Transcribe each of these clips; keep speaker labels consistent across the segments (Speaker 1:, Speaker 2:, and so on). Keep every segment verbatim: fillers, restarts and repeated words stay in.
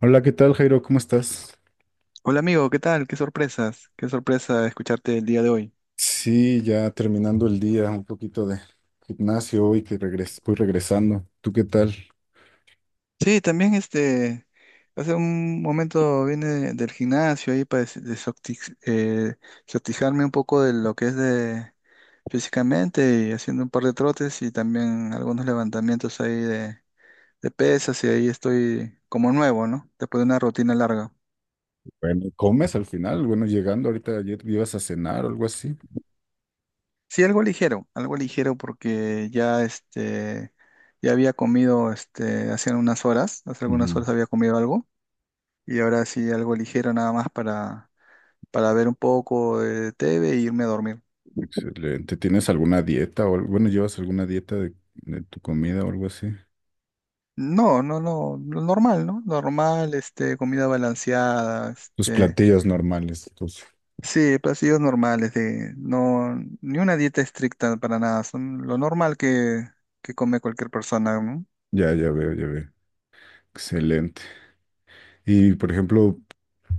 Speaker 1: Hola, ¿qué tal, Jairo? ¿Cómo estás?
Speaker 2: Hola amigo, ¿qué tal? Qué sorpresas, qué sorpresa escucharte el día de hoy.
Speaker 1: Sí, ya terminando el día, un poquito de gimnasio hoy que regres voy regresando. ¿Tú qué tal?
Speaker 2: Sí, también este, hace un momento vine del gimnasio ahí para des- desoxi- eh, desoxigenarme un poco de lo que es de físicamente y haciendo un par de trotes y también algunos levantamientos ahí de, de pesas y ahí estoy como nuevo, ¿no? Después de una rutina larga.
Speaker 1: Bueno, ¿comes al final? Bueno, llegando ahorita ayer ibas a cenar o algo así.
Speaker 2: Sí, algo ligero, algo ligero porque ya este, ya había comido este, hace unas horas, hace algunas
Speaker 1: Ujú.
Speaker 2: horas había comido algo. Y ahora sí, algo ligero nada más para, para ver un poco de T V e irme a dormir.
Speaker 1: Excelente. ¿Tienes alguna dieta o al- bueno, llevas alguna dieta de, de tu comida o algo así?
Speaker 2: No, no, no, lo normal, ¿no? Normal, este, comida balanceada,
Speaker 1: Tus
Speaker 2: este,
Speaker 1: platillos normales, entonces.
Speaker 2: sí, platillos normales, de, no, ni una dieta estricta para nada, son lo normal que, que come cualquier persona, ¿no?
Speaker 1: Ya, ya veo, ya veo. Excelente. Y por ejemplo,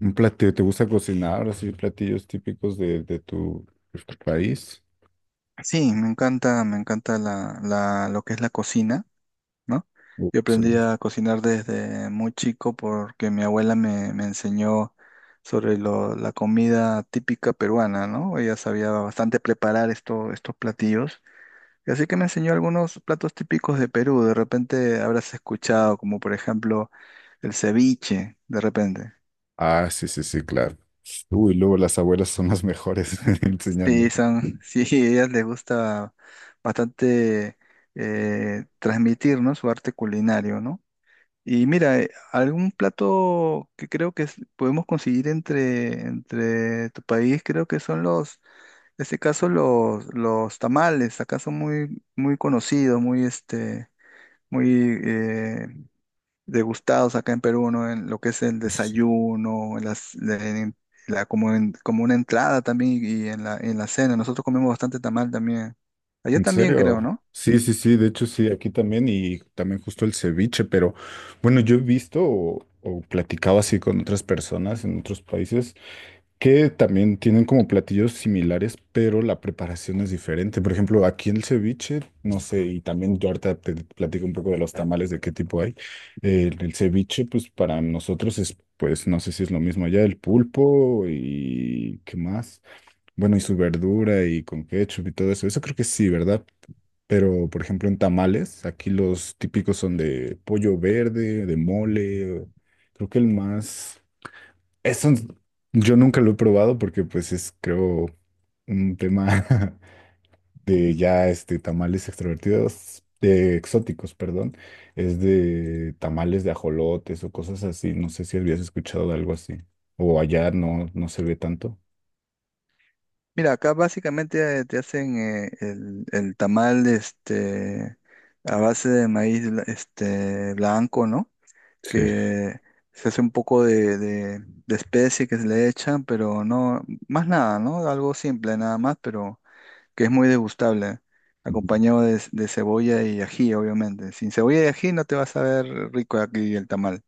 Speaker 1: un platillo, ¿te gusta cocinar? Así platillos típicos de, de tu, de tu país.
Speaker 2: Sí, me encanta, me encanta la, la, lo que es la cocina, ¿no?
Speaker 1: Oh,
Speaker 2: Yo aprendí
Speaker 1: excelente.
Speaker 2: a cocinar desde muy chico porque mi abuela me, me enseñó sobre lo- la comida típica peruana, ¿no? Ella sabía bastante preparar esto- estos platillos. Y así que me enseñó algunos platos típicos de Perú. De repente habrás escuchado, como por ejemplo el ceviche, de repente.
Speaker 1: Ah, sí, sí, sí, claro. Uy, luego las abuelas son las mejores
Speaker 2: Sí,
Speaker 1: enseñando.
Speaker 2: son, sí, a ellas les gusta bastante eh, transmitir, ¿no? Su arte culinario, ¿no? Y mira, eh, algún plato que creo que es- podemos conseguir entre, entre tu país, creo que son los, en este caso los, los tamales, acá son muy, muy conocidos, muy este, muy eh, degustados acá en Perú, ¿no? En lo que es el
Speaker 1: Sí, sí.
Speaker 2: desayuno, en las, en la, como, en- como una entrada también y en la, en la cena. Nosotros comemos bastante tamal también. Allá
Speaker 1: ¿En
Speaker 2: también creo,
Speaker 1: serio?
Speaker 2: ¿no?
Speaker 1: Sí, sí, sí, de hecho sí, aquí también y también justo el ceviche, pero bueno, yo he visto o, o platicado así con otras personas en otros países que también tienen como platillos similares, pero la preparación es diferente. Por ejemplo, aquí el ceviche, no sé, y también yo ahorita te platico un poco de los tamales, de qué tipo hay. El, el ceviche, pues para nosotros es, pues no sé si es lo mismo allá, el pulpo y qué más. Bueno, y su verdura y con ketchup y todo eso. Eso creo que sí, ¿verdad? Pero, por ejemplo, en tamales, aquí los típicos son de pollo verde, de mole, creo que el más... Eso yo nunca lo he probado porque pues es creo un tema de ya este tamales extrovertidos, de exóticos, perdón, es de tamales de ajolotes o cosas así. No sé si habías escuchado de algo así. O allá no, no se ve tanto.
Speaker 2: Mira, acá básicamente eh, te hacen eh, el, el tamal este, a base de maíz bla- este, blanco, ¿no?
Speaker 1: Sí.
Speaker 2: Que se hace un poco de, de, de especie que se le echan, pero no, más nada, ¿no? Algo simple nada más, pero que es muy degustable,
Speaker 1: Ujú.
Speaker 2: acompañado de, de cebolla y ají, obviamente. Sin cebolla y ají no te vas a ver rico aquí el tamal.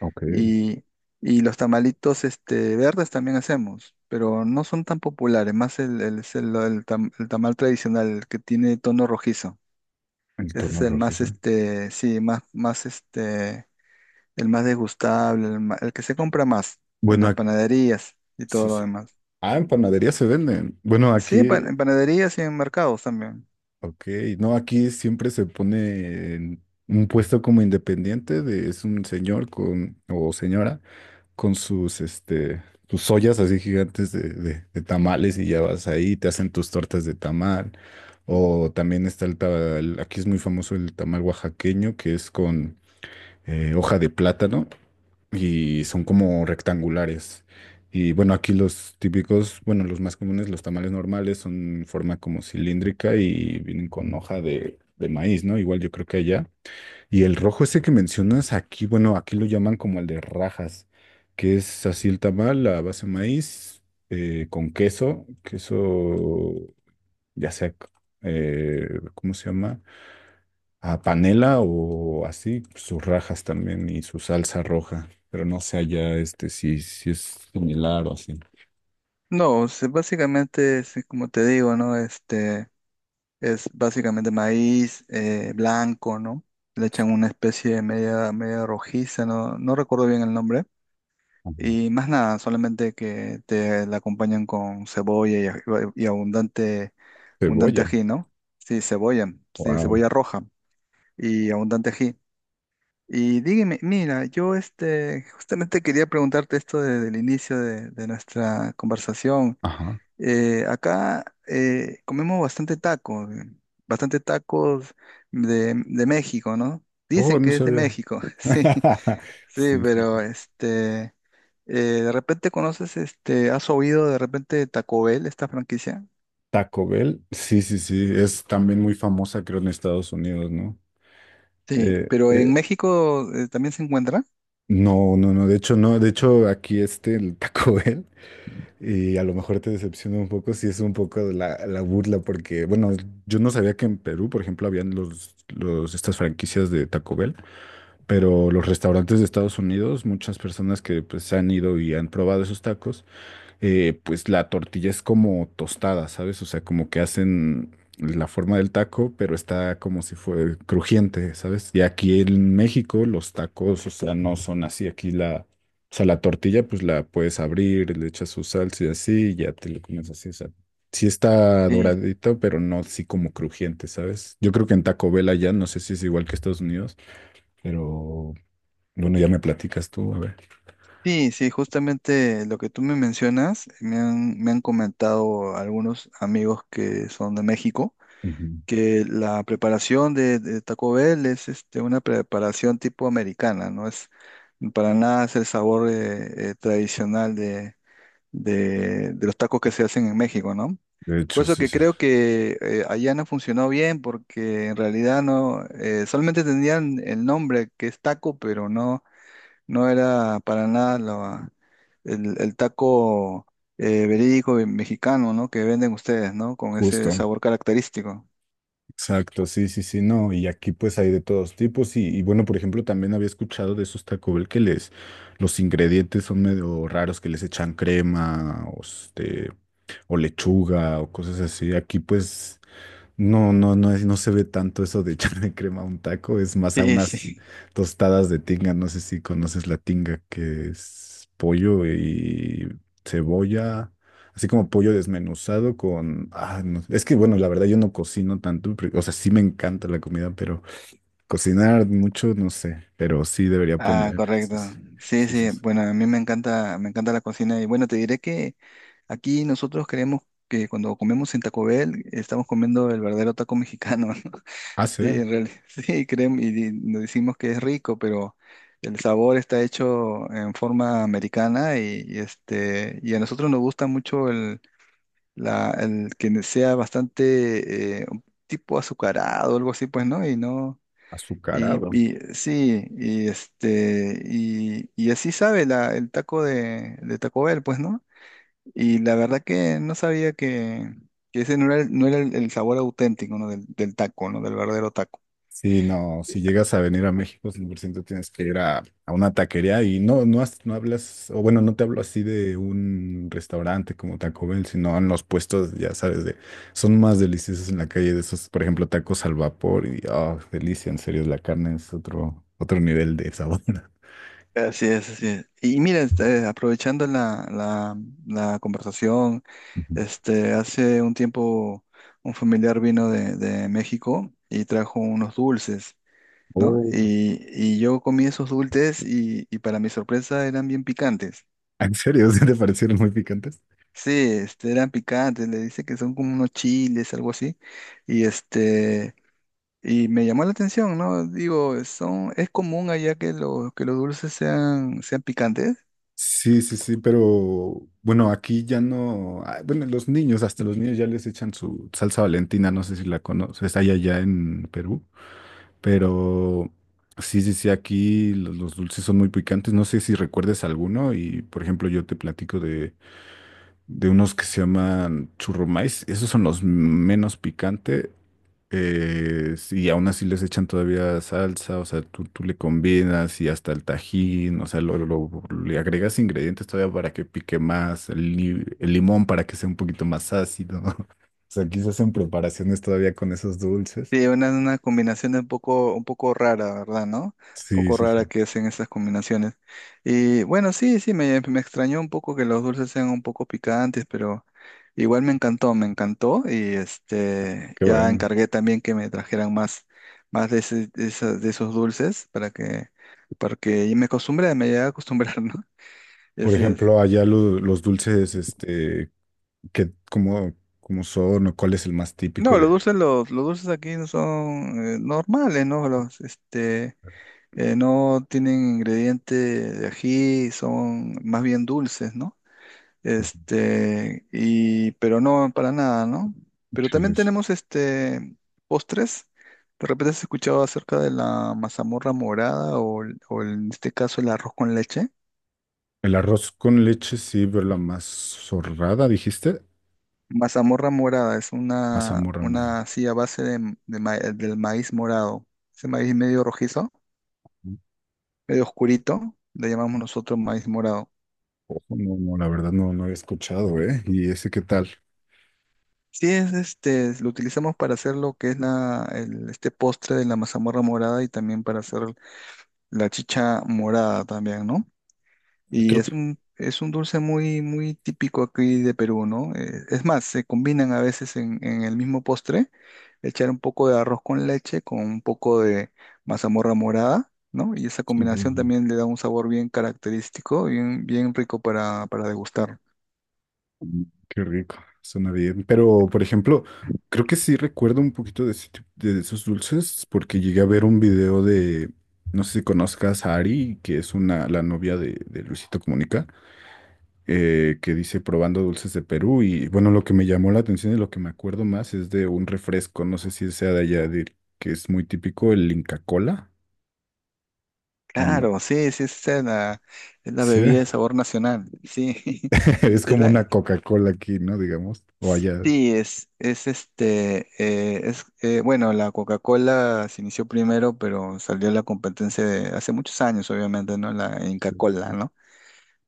Speaker 1: Ok,
Speaker 2: Y, y los tamalitos este, verdes también hacemos, pero no son tan populares, más el, el, es el- el tam- el tamal tradicional, el que tiene tono rojizo.
Speaker 1: el
Speaker 2: Ese es
Speaker 1: tono
Speaker 2: el más,
Speaker 1: rojizo.
Speaker 2: este, sí, más, más, este, el más degustable, el, ma- el que se compra más en
Speaker 1: Bueno,
Speaker 2: las
Speaker 1: ac-
Speaker 2: panaderías y
Speaker 1: sí,
Speaker 2: todo lo
Speaker 1: sí.
Speaker 2: demás.
Speaker 1: Ah, en panadería se venden. Bueno,
Speaker 2: Sí, en
Speaker 1: aquí.
Speaker 2: pan- en panaderías y en mercados también.
Speaker 1: Ok, no, aquí siempre se pone en un puesto como independiente, de, es un señor con, o señora con sus, este, sus ollas así gigantes de, de- de tamales y ya vas ahí, te hacen tus tortas de tamal. O también está el, ta- el- aquí es muy famoso el tamal oaxaqueño, que es con eh, hoja de plátano y son como rectangulares. Y bueno, aquí los típicos, bueno, los más comunes, los tamales normales, son en forma como cilíndrica y vienen con hoja de, de maíz, ¿no? Igual yo creo que allá. Y el rojo ese que mencionas aquí, bueno, aquí lo llaman como el de rajas, que es así el tamal, la base de maíz, eh, con queso, queso, ya sea, eh, ¿cómo se llama? A panela o así, sus rajas también y su salsa roja, pero no sé allá este si, si es similar o así.
Speaker 2: No, se- básicamente, sí, como te digo, ¿no? Este, es básicamente maíz eh, blanco, ¿no? Le echan una especie de media, media rojiza, no, no recuerdo bien el nombre.
Speaker 1: Ajá.
Speaker 2: Y más nada, solamente que te la acompañan con cebolla y, aj- y abundante, abundante
Speaker 1: Cebolla.
Speaker 2: ají, ¿no? Sí, cebolla, sí,
Speaker 1: Wow.
Speaker 2: cebolla roja y abundante ají. Y dígame, mira, yo este, justamente quería preguntarte esto desde el inicio de, de nuestra conversación.
Speaker 1: Ajá.
Speaker 2: Eh, acá eh, comemos bastante tacos, eh, bastante tacos de, de México, ¿no?
Speaker 1: Oh,
Speaker 2: Dicen
Speaker 1: no
Speaker 2: que es de
Speaker 1: sabía.
Speaker 2: México, sí, sí,
Speaker 1: Sí, sí.
Speaker 2: pero este, eh, de repente conoces, este, ¿has oído de repente de Taco Bell, esta franquicia?
Speaker 1: Taco Bell, sí, sí, sí, es también muy famosa, creo, en Estados Unidos, ¿no?
Speaker 2: Sí,
Speaker 1: Eh,
Speaker 2: pero en
Speaker 1: eh,
Speaker 2: México eh, también se encuentra.
Speaker 1: no, no, no, de hecho, no, de hecho, aquí este, el Taco Bell. Y a lo mejor te decepciona un poco si es un poco de la, la burla, porque, bueno, yo no sabía que en Perú, por ejemplo, habían los, los, estas franquicias de Taco Bell, pero los restaurantes de Estados Unidos, muchas personas que pues han ido y han probado esos tacos, eh, pues la tortilla es como tostada, ¿sabes? O sea, como que hacen la forma del taco, pero está como si fuera crujiente, ¿sabes? Y aquí en México los tacos, o sea, no son así. Aquí la, o sea, la tortilla, pues la puedes abrir, le echas su salsa y así, y ya te lo comes así, o sea. Sí está
Speaker 2: Sí,
Speaker 1: doradito, pero no así como crujiente, ¿sabes? Yo creo que en Taco Bell allá, no sé si es igual que Estados Unidos, pero bueno, ya me platicas tú, a ver.
Speaker 2: sí, sí, justamente lo que tú me mencionas, me han, me han comentado algunos amigos que son de México
Speaker 1: Ujú.
Speaker 2: que la preparación de, de Taco Bell es este, una preparación tipo americana, no es para nada es el sabor eh, eh, tradicional de, de- de los tacos que se hacen en México, ¿no?
Speaker 1: De
Speaker 2: Por
Speaker 1: hecho,
Speaker 2: eso
Speaker 1: sí,
Speaker 2: que
Speaker 1: sí.
Speaker 2: creo que eh, allá no funcionó bien porque en realidad no, eh, solamente tenían el nombre que es taco, pero no, no era para nada la- el, el taco eh, verídico y mexicano, ¿no? Que venden ustedes, ¿no? Con ese
Speaker 1: Justo.
Speaker 2: sabor característico.
Speaker 1: Exacto, sí, sí, sí, no, y aquí pues hay de todos tipos y, y bueno, por ejemplo, también había escuchado de esos Taco Bell que les, los ingredientes son medio raros, que les echan crema o, este, o lechuga o cosas así, aquí pues no, no, no, es- no se ve tanto eso de echarle crema a un taco, es más a
Speaker 2: Sí,
Speaker 1: unas
Speaker 2: sí.
Speaker 1: tostadas de tinga. No sé si conoces la tinga, que es pollo y cebolla, así como pollo desmenuzado con... Ah, no, es que bueno, la verdad yo no cocino tanto, pero o sea, sí me encanta la comida, pero cocinar mucho, no sé, pero sí debería
Speaker 2: Ah,
Speaker 1: aprender.
Speaker 2: correcto.
Speaker 1: Sí, sí,
Speaker 2: Sí,
Speaker 1: sí, sí,
Speaker 2: sí.
Speaker 1: sí.
Speaker 2: Bueno, a mí me encanta, me encanta la cocina. Y bueno, te diré que aquí nosotros creemos que cuando comemos en Taco Bell estamos comiendo el verdadero taco mexicano, ¿no?
Speaker 1: Ah, sí,
Speaker 2: Sí, en realidad, sí, creemos y di- nos decimos que es rico, pero el sabor está hecho en forma americana y, y este, y a nosotros nos gusta mucho el, la, el que sea bastante eh, un tipo azucarado, algo así, pues, ¿no? Y no. Y,
Speaker 1: azucarado.
Speaker 2: y sí, y este, y, y así sabe la, el taco de, de Taco Bell, pues, ¿no? Y la verdad que no sabía que, que ese no era, el, no era el, el sabor auténtico, ¿no? Del, del taco, ¿no? Del verdadero taco.
Speaker 1: Sí, no, si llegas a venir a México, cien por ciento tienes que ir a, a una taquería y no, no, has- no hablas, o bueno, no te hablo así de un restaurante como Taco Bell, sino en los puestos, ya sabes, de, son más deliciosos en la calle de esos, por ejemplo, tacos al vapor y, oh, delicia, en serio, la carne es otro, otro nivel de sabor.
Speaker 2: Así es, así es. Y mira, este, aprovechando la, la, la conversación,
Speaker 1: Ujú.
Speaker 2: este, hace un tiempo un familiar vino de, de México y trajo unos dulces, ¿no?
Speaker 1: Oh.
Speaker 2: Y, y yo comí esos dulces y, y para mi sorpresa eran bien picantes.
Speaker 1: ¿En serio? ¿Sí te parecieron muy picantes?
Speaker 2: Sí, este, eran picantes, le dice que son como unos chiles, algo así. Y este, y me llamó la atención, ¿no? Digo, son, es común allá que los, que los dulces sean, sean picantes.
Speaker 1: Sí, sí, sí, pero bueno, aquí ya no, ah, bueno, los niños, hasta los niños ya les echan su salsa Valentina, no sé si la conoces, hay allá en Perú, pero sí, sí, sí, aquí los, los dulces son muy picantes, no sé si recuerdes alguno y por ejemplo yo te platico de, de unos que se llaman churrumais, esos son los menos picantes eh, y aún así les echan todavía salsa, o sea, tú, tú le combinas y hasta el tajín, o sea, lo, lo- le agregas ingredientes todavía para que pique más, el, li- el limón para que sea un poquito más ácido. O sea, quizás en preparaciones todavía con esos dulces.
Speaker 2: Sí, una, una combinación un poco, un poco rara, ¿verdad? ¿No? Un
Speaker 1: Sí,
Speaker 2: poco
Speaker 1: sí,
Speaker 2: rara
Speaker 1: sí,
Speaker 2: que hacen esas combinaciones. Y bueno, sí, sí, me, me extrañó un poco que los dulces sean un poco picantes, pero igual me encantó, me encantó. Y este,
Speaker 1: qué
Speaker 2: ya
Speaker 1: bueno.
Speaker 2: encargué también que me trajeran más, más de, ese- de esa- de esos dulces para que, porque y me acostumbré, me llegué a acostumbrar, ¿no? Y
Speaker 1: Por
Speaker 2: así es.
Speaker 1: ejemplo, allá lo- los dulces, este, que, ¿cómo, cómo son o cuál es el más típico
Speaker 2: No, los
Speaker 1: de...
Speaker 2: dulces, los, los dulces aquí no son eh, normales, ¿no? Los, este eh, no tienen ingrediente de ají, son más bien dulces, ¿no?
Speaker 1: Ujú.
Speaker 2: Este, y, pero no para nada, ¿no? Pero
Speaker 1: Sí, sí,
Speaker 2: también
Speaker 1: sí.
Speaker 2: tenemos este postres. De repente has escuchado acerca de la mazamorra morada o, el- o en este caso el arroz con leche.
Speaker 1: El arroz con leche, sí, pero la mazorrada, dijiste.
Speaker 2: Mazamorra morada es una,
Speaker 1: Mazamorra, mora.
Speaker 2: una así a base de, de ma- del maíz morado. Ese maíz medio rojizo, medio oscurito, le llamamos nosotros maíz morado.
Speaker 1: Ojo, no, no, la verdad no, no había escuchado, ¿eh? ¿Y ese qué tal?
Speaker 2: Sí, es este, lo utilizamos para hacer lo que es la, el, este postre de la mazamorra morada y también para hacer la chicha morada también, ¿no? Y
Speaker 1: Creo
Speaker 2: es
Speaker 1: que
Speaker 2: un, es un dulce muy, muy típico aquí de Perú, ¿no? Eh, es más, se combinan a veces en, en el mismo postre, echar un poco de arroz con leche con un poco de mazamorra morada, ¿no? Y esa
Speaker 1: sí, sí,
Speaker 2: combinación
Speaker 1: sí.
Speaker 2: también le da un sabor bien característico, bien, bien rico para, para degustar.
Speaker 1: Qué rico, suena bien. Pero, por ejemplo, creo que sí recuerdo un poquito de, ese tip- de esos dulces porque llegué a ver un video de, no sé si conozcas a Ari, que es una, la novia de, de Luisito Comunica, eh, que dice probando dulces de Perú. Y bueno, lo que me llamó la atención y lo que me acuerdo más es de un refresco, no sé si sea de allá, de- que es muy típico, el Inca Cola, ¿o no?
Speaker 2: Claro, sí, sí, sí, es la, es la
Speaker 1: Sí,
Speaker 2: bebida de sabor nacional, sí,
Speaker 1: es
Speaker 2: es
Speaker 1: como
Speaker 2: la,
Speaker 1: una Coca-Cola aquí, ¿no? Digamos, o allá.
Speaker 2: sí, es, es este, eh, es, eh, bueno, la Coca-Cola se inició primero, pero salió la competencia de hace muchos años, obviamente, ¿no? La Inca-Cola, ¿no?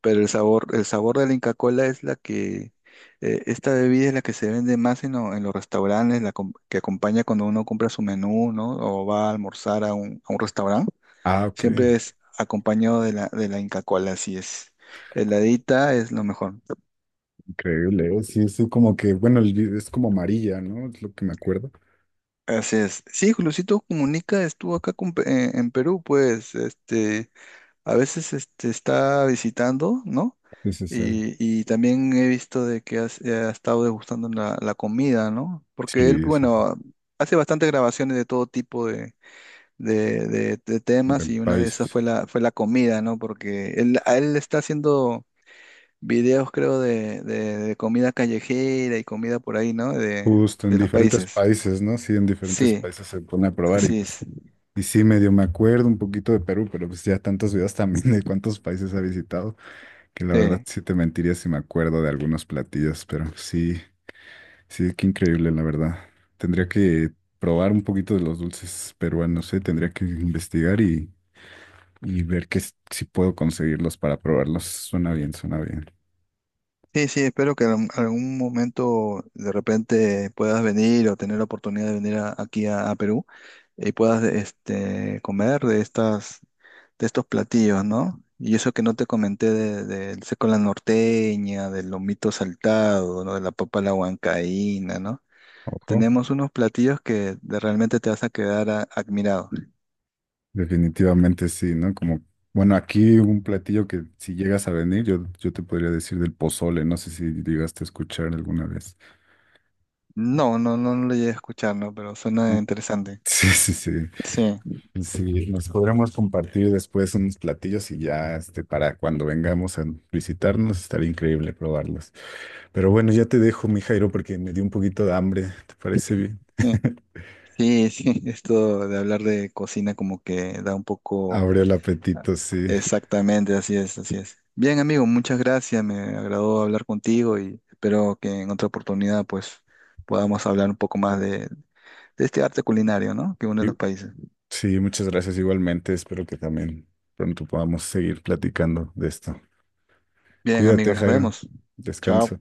Speaker 2: Pero el sabor, el sabor de la Inca-Cola es la que, eh, esta bebida es la que se vende más en, lo- en los restaurantes, la com- que acompaña cuando uno compra su menú, ¿no? O va a almorzar a un, a un restaurante.
Speaker 1: Ah, ok,
Speaker 2: Siempre es acompañado de la, de la Inca Kola, así es. Heladita es lo mejor.
Speaker 1: increíble. ¿Eh? Sí, es como que, bueno, el- es como amarilla, ¿no? Es lo que me acuerdo.
Speaker 2: Así es. Sí, Luisito Comunica estuvo acá con Pe- en, en Perú, pues, este, a veces este, está visitando, ¿no?
Speaker 1: Sí, sí, sí.
Speaker 2: Y, y también he visto de que has- ha estado degustando la, la comida, ¿no? Porque él,
Speaker 1: Sí, sí, sí.
Speaker 2: bueno, hace bastantes grabaciones de todo tipo de, de, de- de
Speaker 1: De
Speaker 2: temas y una de esas
Speaker 1: países.
Speaker 2: fue la, fue la comida, ¿no? Porque él, a él le está haciendo videos, creo, de, de- de comida callejera y comida por ahí, ¿no? De,
Speaker 1: Justo, en
Speaker 2: de los
Speaker 1: diferentes
Speaker 2: países.
Speaker 1: países, ¿no? Sí, en diferentes
Speaker 2: Sí,
Speaker 1: países se pone a probar y
Speaker 2: así
Speaker 1: pues,
Speaker 2: es.
Speaker 1: y sí, medio me acuerdo un poquito de Perú, pero pues ya tantos videos también de cuántos países ha visitado, que la verdad
Speaker 2: Sí,
Speaker 1: sí te mentiría si me acuerdo de algunos platillos, pero sí, sí, qué increíble, la verdad. Tendría que probar un poquito de los dulces peruanos, ¿eh? Tendría que investigar y, y ver que s- si puedo conseguirlos para probarlos. Suena bien, suena bien.
Speaker 2: sí, sí, espero que en algún momento de repente puedas venir o tener la oportunidad de venir a- aquí a, a Perú y puedas este, comer de estas, de estos platillos, ¿no? Y eso que no te comenté de- del seco a la norteña, del lomito saltado, ¿no? De la papa a la huancaína, ¿no?
Speaker 1: Ojo,
Speaker 2: Tenemos unos platillos que de- realmente te vas a quedar a- admirado.
Speaker 1: definitivamente sí, ¿no? Como, bueno, aquí un platillo que si llegas a venir, yo, yo te podría decir del pozole. No sé si llegaste a escuchar alguna vez.
Speaker 2: No, no, no, no lo llegué a escuchar, ¿no? Pero suena
Speaker 1: No.
Speaker 2: interesante.
Speaker 1: Sí, sí, sí.
Speaker 2: Sí,
Speaker 1: Sí, nos podremos compartir después unos platillos y ya este, para cuando vengamos a visitarnos estaría increíble probarlos. Pero bueno, ya te dejo, mi Jairo, porque me dio un poquito de hambre. ¿Te parece bien?
Speaker 2: sí, sí, sí, esto de hablar de cocina como que da un poco...
Speaker 1: Abre el
Speaker 2: ah,
Speaker 1: apetito, sí.
Speaker 2: exactamente, así es, así es. Bien, amigo, muchas gracias. Me agradó hablar contigo y espero que en otra oportunidad pues podamos hablar un poco más de, de este arte culinario, ¿no? Que une
Speaker 1: Y
Speaker 2: los países.
Speaker 1: sí, muchas gracias igualmente. Espero que también pronto podamos seguir platicando de esto.
Speaker 2: Bien,
Speaker 1: Cuídate,
Speaker 2: amigos, nos
Speaker 1: Jairo.
Speaker 2: vemos. Chao.
Speaker 1: Descansa.